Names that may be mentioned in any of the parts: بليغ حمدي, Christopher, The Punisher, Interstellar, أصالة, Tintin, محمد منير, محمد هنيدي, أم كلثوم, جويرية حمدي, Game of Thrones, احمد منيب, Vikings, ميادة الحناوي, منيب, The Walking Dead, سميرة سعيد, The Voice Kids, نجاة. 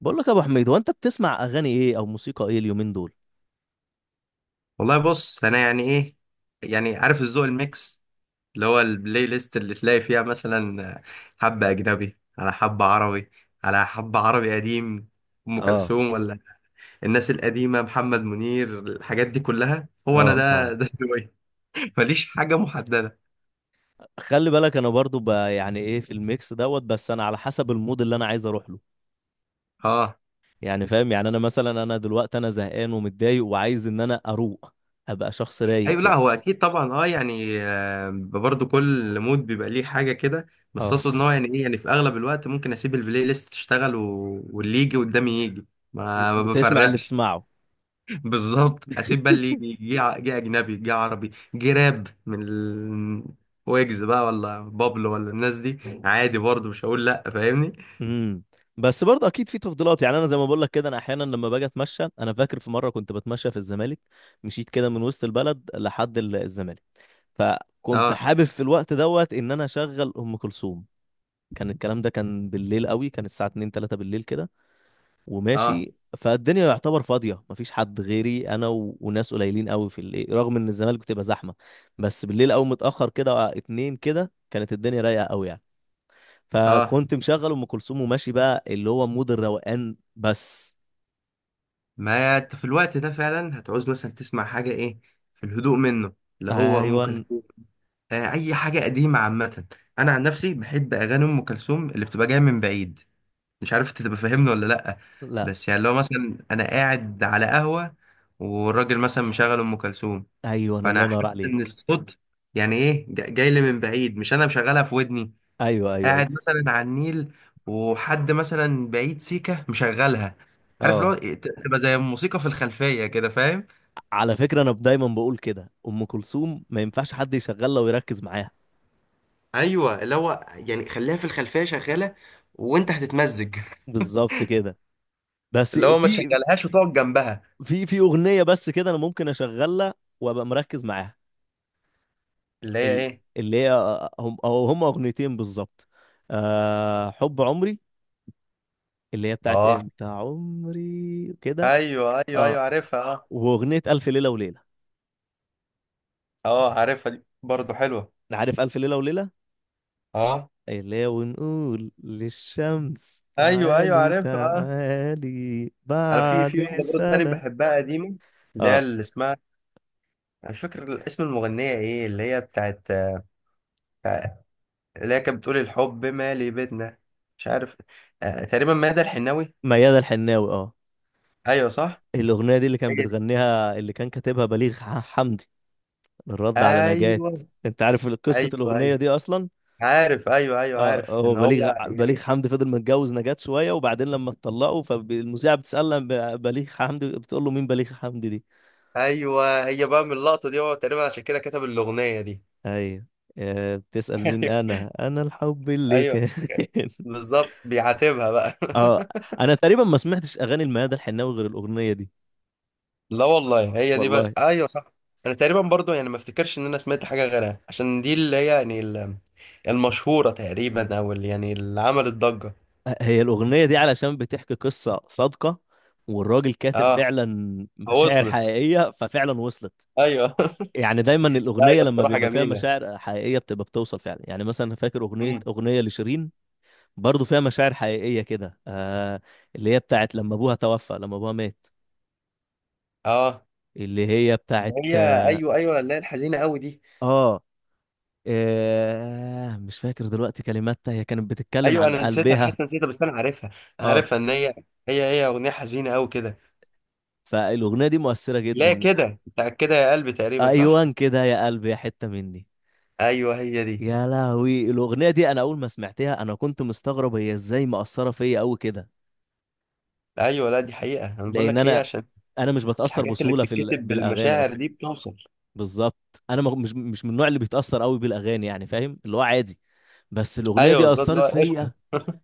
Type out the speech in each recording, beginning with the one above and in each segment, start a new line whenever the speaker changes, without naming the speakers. بقول لك يا ابو حميد، هو انت بتسمع اغاني ايه او موسيقى ايه اليومين دول؟
والله بص، انا يعني ايه يعني عارف الذوق الميكس، اللي هو البلاي ليست اللي تلاقي فيها مثلا حبة اجنبي على حبة عربي، على حبة عربي قديم، ام
اه.
كلثوم ولا الناس القديمة، محمد منير، الحاجات دي كلها. هو انا
اه.
ده
اه.
ده ذوقي. ماليش حاجة محددة.
خلي بالك انا برضو ب- يعني ايه في الميكس دوت، بس انا على حسب المود اللي انا عايز اروح له.
اه،
يعني فاهم، يعني انا مثلا انا دلوقتي انا زهقان ومتضايق وعايز ان انا اروق، ابقى شخص رايق
ايوه، لا
كده.
هو اكيد طبعا، اه يعني برضه كل مود بيبقى ليه حاجة كده. بس
اه.
اقصد ان هو يعني ايه يعني في اغلب الوقت ممكن اسيب البلاي ليست تشتغل واللي يجي قدامي يجي. ما
وتسمع اللي
بفرقش.
تسمعه.
بالظبط، اسيب بقى اللي يجي جه، جه اجنبي، جه عربي، جه راب من ويجز بقى، ولا بابلو، ولا الناس دي. عادي، برضه مش هقول لا. فاهمني؟
امم. بس برضه اكيد في تفضيلات، يعني انا زي ما بقول لك كده، انا احيانا لما باجي اتمشى انا فاكر في مره كنت بتمشى في الزمالك، مشيت كده من وسط البلد لحد الزمالك، فكنت
اه
حابب في الوقت دوت ان انا اشغل ام كلثوم. كان الكلام ده كان بالليل قوي، كان الساعه 2 3 بالليل كده،
اه
وماشي فالدنيا يعتبر فاضيه مفيش حد غيري انا وناس قليلين قوي في الليل، رغم ان الزمالك بتبقى زحمه، بس بالليل قوي متاخر كده آه، اتنين كده كانت الدنيا رايقه قوي يعني.
اه.
فكنت مشغل ام كلثوم وماشي بقى اللي هو مود الروقان بس.
ما انت في الوقت ده فعلا هتعوز مثلا تسمع حاجه ايه في الهدوء منه، اللي هو ام
ايوه.
كلثوم. آه، اي حاجه قديمه عامه. انا عن نفسي بحب اغاني ام كلثوم اللي بتبقى جايه من بعيد. مش عارف انت تبقى فاهمني ولا لأ.
لا.
بس يعني لو مثلا أنا قاعد على قهوة والراجل مثلا مشغل أم كلثوم،
ايوه الله
فأنا
ينور
حاسس إن
عليك.
الصوت يعني إيه جاي لي من بعيد، مش أنا مشغلها في ودني.
ايوه ايوه ايوه.
قاعد مثلا على النيل، وحد مثلا بعيد سيكة مشغلها. عارف اللي
اه.
هو تبقى زي الموسيقى في الخلفية كده، فاهم؟
على فكرة أنا دايما بقول كده، أم كلثوم ما ينفعش حد يشغلها ويركز معاها.
ايوه، اللي هو يعني خليها في الخلفية شغالة وانت هتتمزج.
بالظبط كده. بس
اللي هو ما
في،
تشغلهاش وتقعد جنبها.
في أغنية بس كده أنا ممكن أشغلها وأبقى مركز معاها.
اللي هي
ال-
ايه؟
اللي هي، هم أو هم أغنيتين بالظبط. أه، حب عمري، اللي هي بتاعت
اه.
أنت عمري كده.
ايوه ايوه
أه،
ايوه، عارفها. اه
وأغنية ألف ليلة وليلة.
اه، عارفها، دي برضه حلوة.
عارف ألف ليلة وليلة،
اه،
اللي هي ونقول للشمس
ايوه ايوه،
تعالي
عارفها. اه.
تعالي
انا في
بعد
واحدة برضه تاني
سنة.
بحبها قديمة، اللي هي
اه.
اللي اسمها، انا مش فاكر اسم المغنية ايه. اللي هي بتاعت بتاع- اللي هي كانت بتقول الحب مالي بيتنا، مش عارف. آه، تقريبا ماذا الحناوي.
ميادة الحناوي، اه.
ايوه صح.
الأغنية دي اللي
هي
كان
دي.
بتغنيها، اللي كان كاتبها بليغ حمدي، الرد على نجاة.
ايوه
انت عارف قصة
ايوه
الأغنية
ايوه،
دي أصلا؟
عارف. ايوه ايوه،
اه،
عارف
هو
ان هو
بليغ
يعني،
حمدي فضل متجوز نجاة شوية، وبعدين لما اتطلقوا فالمذيعة بتسأل عن بليغ حمدي، بتقول له مين بليغ حمدي دي؟
ايوه هي بقى من اللقطة دي هو تقريبا عشان كده كتب الأغنية دي.
ايوه. آه، بتسأل مين، انا الحب اللي
ايوه،
كان.
بالظبط، بيعاتبها بقى.
اه. انا تقريبا ما سمعتش اغاني الميادة الحناوي غير الأغنية دي.
لا والله هي دي
والله.
بس، ايوه صح. انا تقريبا برضو يعني ما افتكرش ان انا سمعت حاجه غيرها، عشان دي اللي هي يعني المشهوره تقريبا، او اللي يعني اللي عملت ضجه.
هي الأغنية دي علشان بتحكي قصة صادقة، والراجل كاتب
اه،
فعلا مشاعر
وصلت.
حقيقية ففعلا وصلت.
ايوه.
يعني دايما
لا هي
الأغنية لما
الصراحه
بيبقى فيها
جميله.
مشاعر حقيقية بتبقى بتوصل فعلا، يعني مثلا فاكر أغنية
امم.
أغنية لشيرين برضو فيها مشاعر حقيقية كده آه، اللي هي بتاعت لما أبوها توفى، لما أبوها مات.
اه.
اللي هي
اللي
بتاعت
هي ايوه ايوه، اللي هي الحزينه قوي دي.
آه، آه مش فاكر دلوقتي كلماتها، هي كانت بتتكلم
ايوه،
عن
انا نسيتها، انا
قلبها.
حاسس إني نسيتها بس انا عارفها. أنا
آه.
عارفها ان هي، هي اغنيه حزينه قوي كده.
فالأغنية دي مؤثرة
لا
جدا.
كده بتاع كده يا قلبي، تقريبا صح؟
أيوان كده يا قلبي يا حتة مني.
ايوه هي دي.
يا لهوي الاغنيه دي، انا اول ما سمعتها انا كنت مستغرب هي ازاي مأثره فيا قوي كده،
ايوه، لا دي حقيقه، انا بقول
لان
لك هي
انا،
عشان
انا مش بتأثر
الحاجات اللي
بسهوله
بتتكتب
بالاغاني
بالمشاعر
اصلا.
دي بتوصل.
بالظبط، انا ما... مش مش من النوع اللي بيتأثر قوي بالاغاني، يعني فاهم اللي هو عادي. بس الاغنيه
ايوه
دي
بالظبط.
أثرت
لا قشطه.
فيا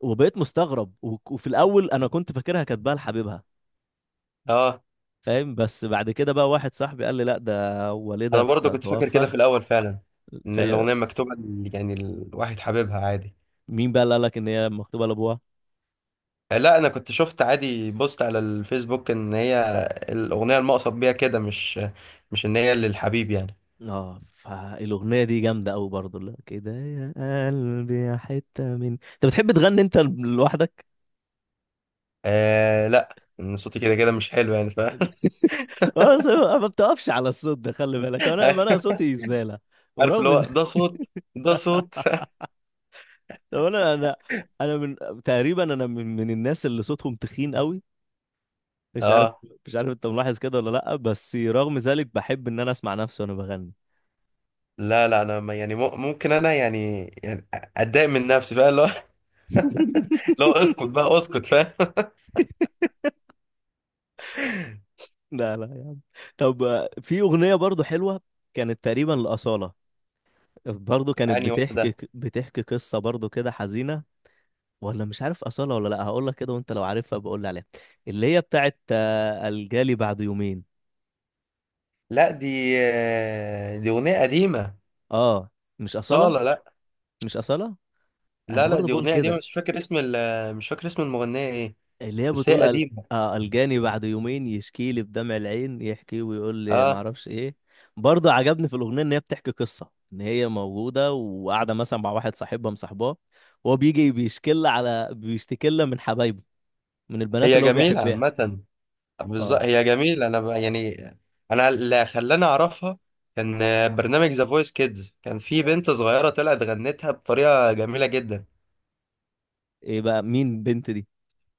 وبقيت مستغرب، وفي الاول انا كنت فاكرها كاتباها لحبيبها،
اه.
فاهم، بس بعد كده بقى واحد صاحبي قال لي لا، ده والدها
انا برضه كنت فاكر
توفى.
كده في الاول فعلا، ان
فمين
الاغنيه مكتوبه يعني الواحد حاببها عادي.
بقى اللي قال لك ان هي مكتوبه لابوها؟
لا انا كنت شفت عادي بوست على الفيسبوك ان هي الاغنيه المقصد بيها كده، مش مش ان هي للحبيب يعني.
اه، فالأغنية دي جامدة أوي برضه، لا كده يا قلبي يا حتة من. أنت بتحب تغني أنت لوحدك؟
آه لا، ان صوتي كده كده مش حلو يعني، ف
اه، بس ما بتقفش على الصوت ده، خلي بالك أنا صوتي زبالة
عارف اللي
ورغم
هو
ذلك.
ده صوت، ده صوت.
طب، أنا تقريبا أنا من الناس اللي صوتهم تخين أوي، مش عارف،
اه.
مش عارف أنت ملاحظ كده ولا لأ، بس رغم ذلك بحب إن أنا أسمع نفسي وأنا بغني.
لا لا انا يعني ممكن انا يعني يعني اتضايق من نفسي بقى. لا اسكت بقى، اسكت، فاهم.
لا لا يا عم. طب آه، في أغنية برضه حلوة كانت تقريبا لأصالة، برضه كانت
انهي
بتحكي
واحده؟
بتحكي قصة برضه كده حزينة، ولا مش عارف أصالة ولا لأ، هقول لك كده وأنت لو عارفها بقول لي عليها. اللي هي بتاعت آه، الجالي بعد يومين.
لا دي، دي اغنيه قديمه.
أه، مش أصالة.
صاله، لا.
مش أصالة. أنا
لا لا،
برضه
دي
بقول
اغنيه قديمه،
كده،
مش فاكر اسم مش فاكر اسم المغنيه ايه.
اللي هي
بس هي
بتقول
قديمه.
آه الجاني بعد يومين يشكي لي بدمع العين، يحكي ويقول لي
اه
معرفش إيه. برضه عجبني في الأغنية إن هي بتحكي قصة إن هي موجودة وقاعدة مثلا مع واحد صاحبها مصاحباه، وهو بيجي بيشكي لها على، بيشتكي لها من حبايبه، من البنات
هي
اللي هو
جميله
بيحبها.
عامه.
اه.
بالظبط هي جميله. انا بقى يعني انا اللي خلاني اعرفها كان برنامج ذا فويس كيدز، كان في بنت صغيره طلعت غنتها بطريقه جميله جدا.
ايه بقى مين البنت دي؟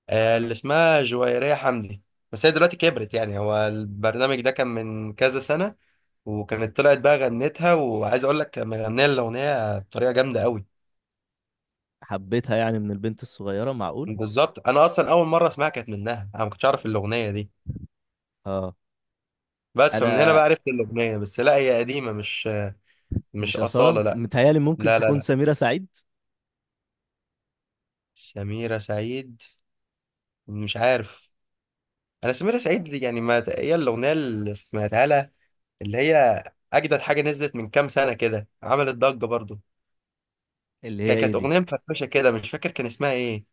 آه، اللي اسمها جويرية حمدي. بس هي دلوقتي كبرت، يعني هو البرنامج ده كان من كذا سنة، وكانت طلعت بقى غنتها، وعايز اقول لك مغنية الأغنية بطريقة جامدة قوي.
حبيتها يعني من البنت الصغيرة؟ معقول.
بالظبط، انا اصلا اول مرة اسمعها كانت منها، انا ما كنتش اعرف الأغنية دي.
اه.
بس فمن هنا
انا
بقى عرفت الأغنية. بس لا هي قديمة، مش مش
مش
أصالة
أصالة
لا.
متهيالي، ممكن
لا لا.
تكون
لا
سميرة سعيد.
سميرة سعيد؟ مش عارف. انا سميرة سعيد دي يعني ما هي الأغنية اللي سمعتها لها، اللي هي اجدد حاجة نزلت من كام سنة كده، عملت ضجة برضو.
اللي هي ايه
كانت
دي؟
اغنيه مفرفشه كده، مش فاكر كان اسمها ايه.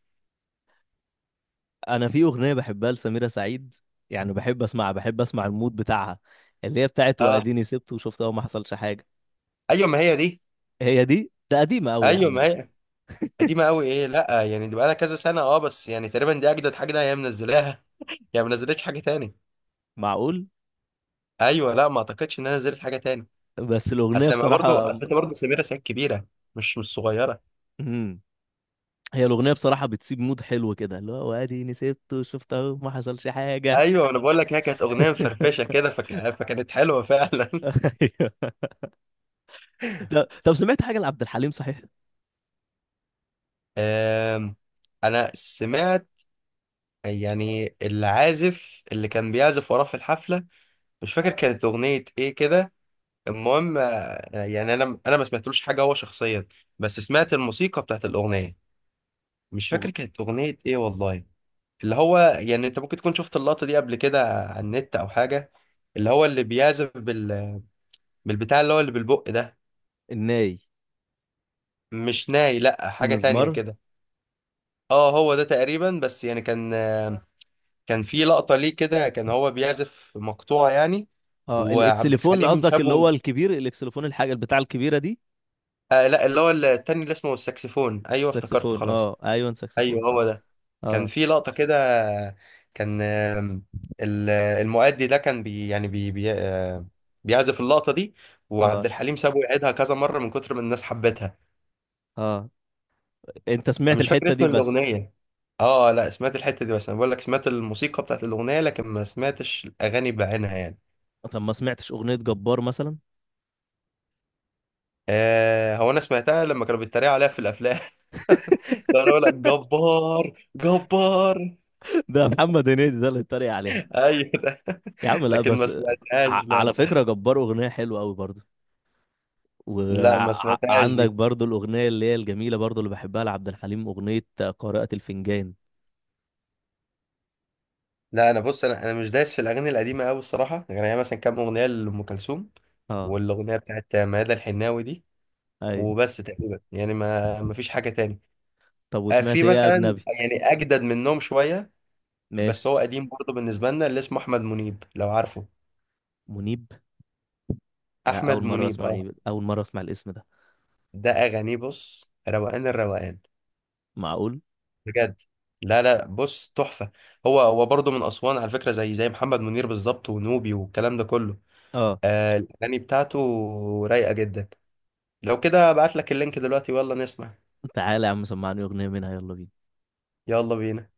انا في أغنية بحبها لسميرة سعيد، يعني بحب اسمعها، بحب اسمع المود بتاعها، اللي هي بتاعت
اه
واديني سبت وشفت اهو ما حصلش حاجة.
ايوه، ما هي دي.
هي دي، ده قديمة قوي يا
ايوه
عم
ما
دي.
هي. قديمه قوي ايه، لا يعني دي بقالها كذا سنه اه، بس يعني تقريبا دي اجدد حاجه هي منزلاها. هي ما نزلتش حاجه تاني.
معقول.
ايوه، لا ما اعتقدش ان انا نزلت حاجه تاني.
بس الأغنية
اصل ما برضو،
بصراحة.
اصل انت برضو سميرة سعيد كبيره، مش مش صغيره.
مم. هي الأغنية بصراحة بتسيب مود حلو كده، اللي هو واديني سبت وشفت اهو ما حصلش حاجة.
ايوه انا بقول لك، هي كانت اغنيه مفرفشه كده، فك... فكانت حلوه فعلا.
طب سمعت حاجة لعبد الحليم صحيح؟
آم، انا سمعت يعني العازف اللي كان بيعزف وراه في الحفله، مش فاكر كانت اغنيه ايه كده. المهم يعني انا ما سمعتلوش حاجه هو شخصيا، بس سمعت الموسيقى بتاعت الاغنيه. مش
مغ...
فاكر كانت اغنيه ايه والله. اللي هو يعني انت ممكن تكون شفت اللقطه دي قبل كده على النت او حاجه، اللي هو اللي بيعزف بالبتاع، اللي هو اللي بالبق ده.
الناي؟
مش ناي، لا حاجه تانية
المزمار؟
كده. اه هو ده تقريبا، بس يعني كان كان في لقطه ليه كده، كان هو بيعزف مقطوعه يعني،
اه،
وعبد
الاكسليفون
الحليم
قصدك، اللي هو
سابه.
الكبير، الاكسليفون الحاجة بتاع الكبيرة دي.
آه لا اللي هو التاني، اللي اسمه الساكسفون، ايوه افتكرته
الساكسفون،
خلاص.
اه ايوه ساكسفون
ايوه
صح.
هو ده. كان
اه.
في لقطة كده، كان المؤدي ده كان بي يعني بي بي آه، بيعزف اللقطة دي، وعبد
اه.
الحليم سابه يعيدها كذا مرة من كتر ما الناس حبتها.
اه. انت
أنا
سمعت
مش فاكر
الحتة
اسم
دي بس؟
الأغنية. اه لا سمعت الحتة دي بس، انا بقول لك سمعت الموسيقى بتاعت الأغنية، لكن ما سمعتش الأغاني بعينها يعني.
طب ما سمعتش أغنية جبار مثلا؟
آه، هو انا سمعتها لما كانوا بيتريقوا عليها في الافلام. كانوا يقول لك جبار جبار.
ده محمد هنيدي ده اللي اتريق عليها.
ايوه ده.
يا عم لا
لكن ما
بس،
سمعتهاش
ع...
لا
على
لا.
فكرة جبار أغنية حلوة قوي برضو،
لا ما سمعتهاش
وعندك
دي.
برضو الأغنية اللي هي الجميلة برضو اللي بحبها لعبد الحليم، أغنية قارئة الفنجان.
لا انا بص، انا مش دايس في الاغاني القديمه قوي الصراحه، يعني هي مثلا كام اغنيه لام كلثوم،
اه.
والاغنيه بتاعت ميادة الحناوي دي،
ايوه.
وبس تقريبا. يعني ما فيش حاجه تاني.
طب وسمعت
في
ايه يا
مثلا،
اجنبي؟
يعني اجدد منهم شويه، بس
ماشي.
هو قديم برضه بالنسبه لنا، اللي اسمه احمد منيب لو عارفه.
منيب؟ لا
احمد
اول مره
منيب
اسمع
اه،
منيب، اول مره اسمع الاسم ده.
ده اغانيه بص، روقان الروقان،
معقول.
بجد. لا لا بص، تحفه. هو برضه من اسوان على فكره، زي محمد منير بالظبط، ونوبي والكلام ده كله.
اه.
آه الاغاني بتاعته رايقه جدا. لو كده ابعت لك اللينك دلوقتي ويلا نسمع.
تعالى يا عم سمعني اغنيه منها، يلا بينا.
يلا بينا.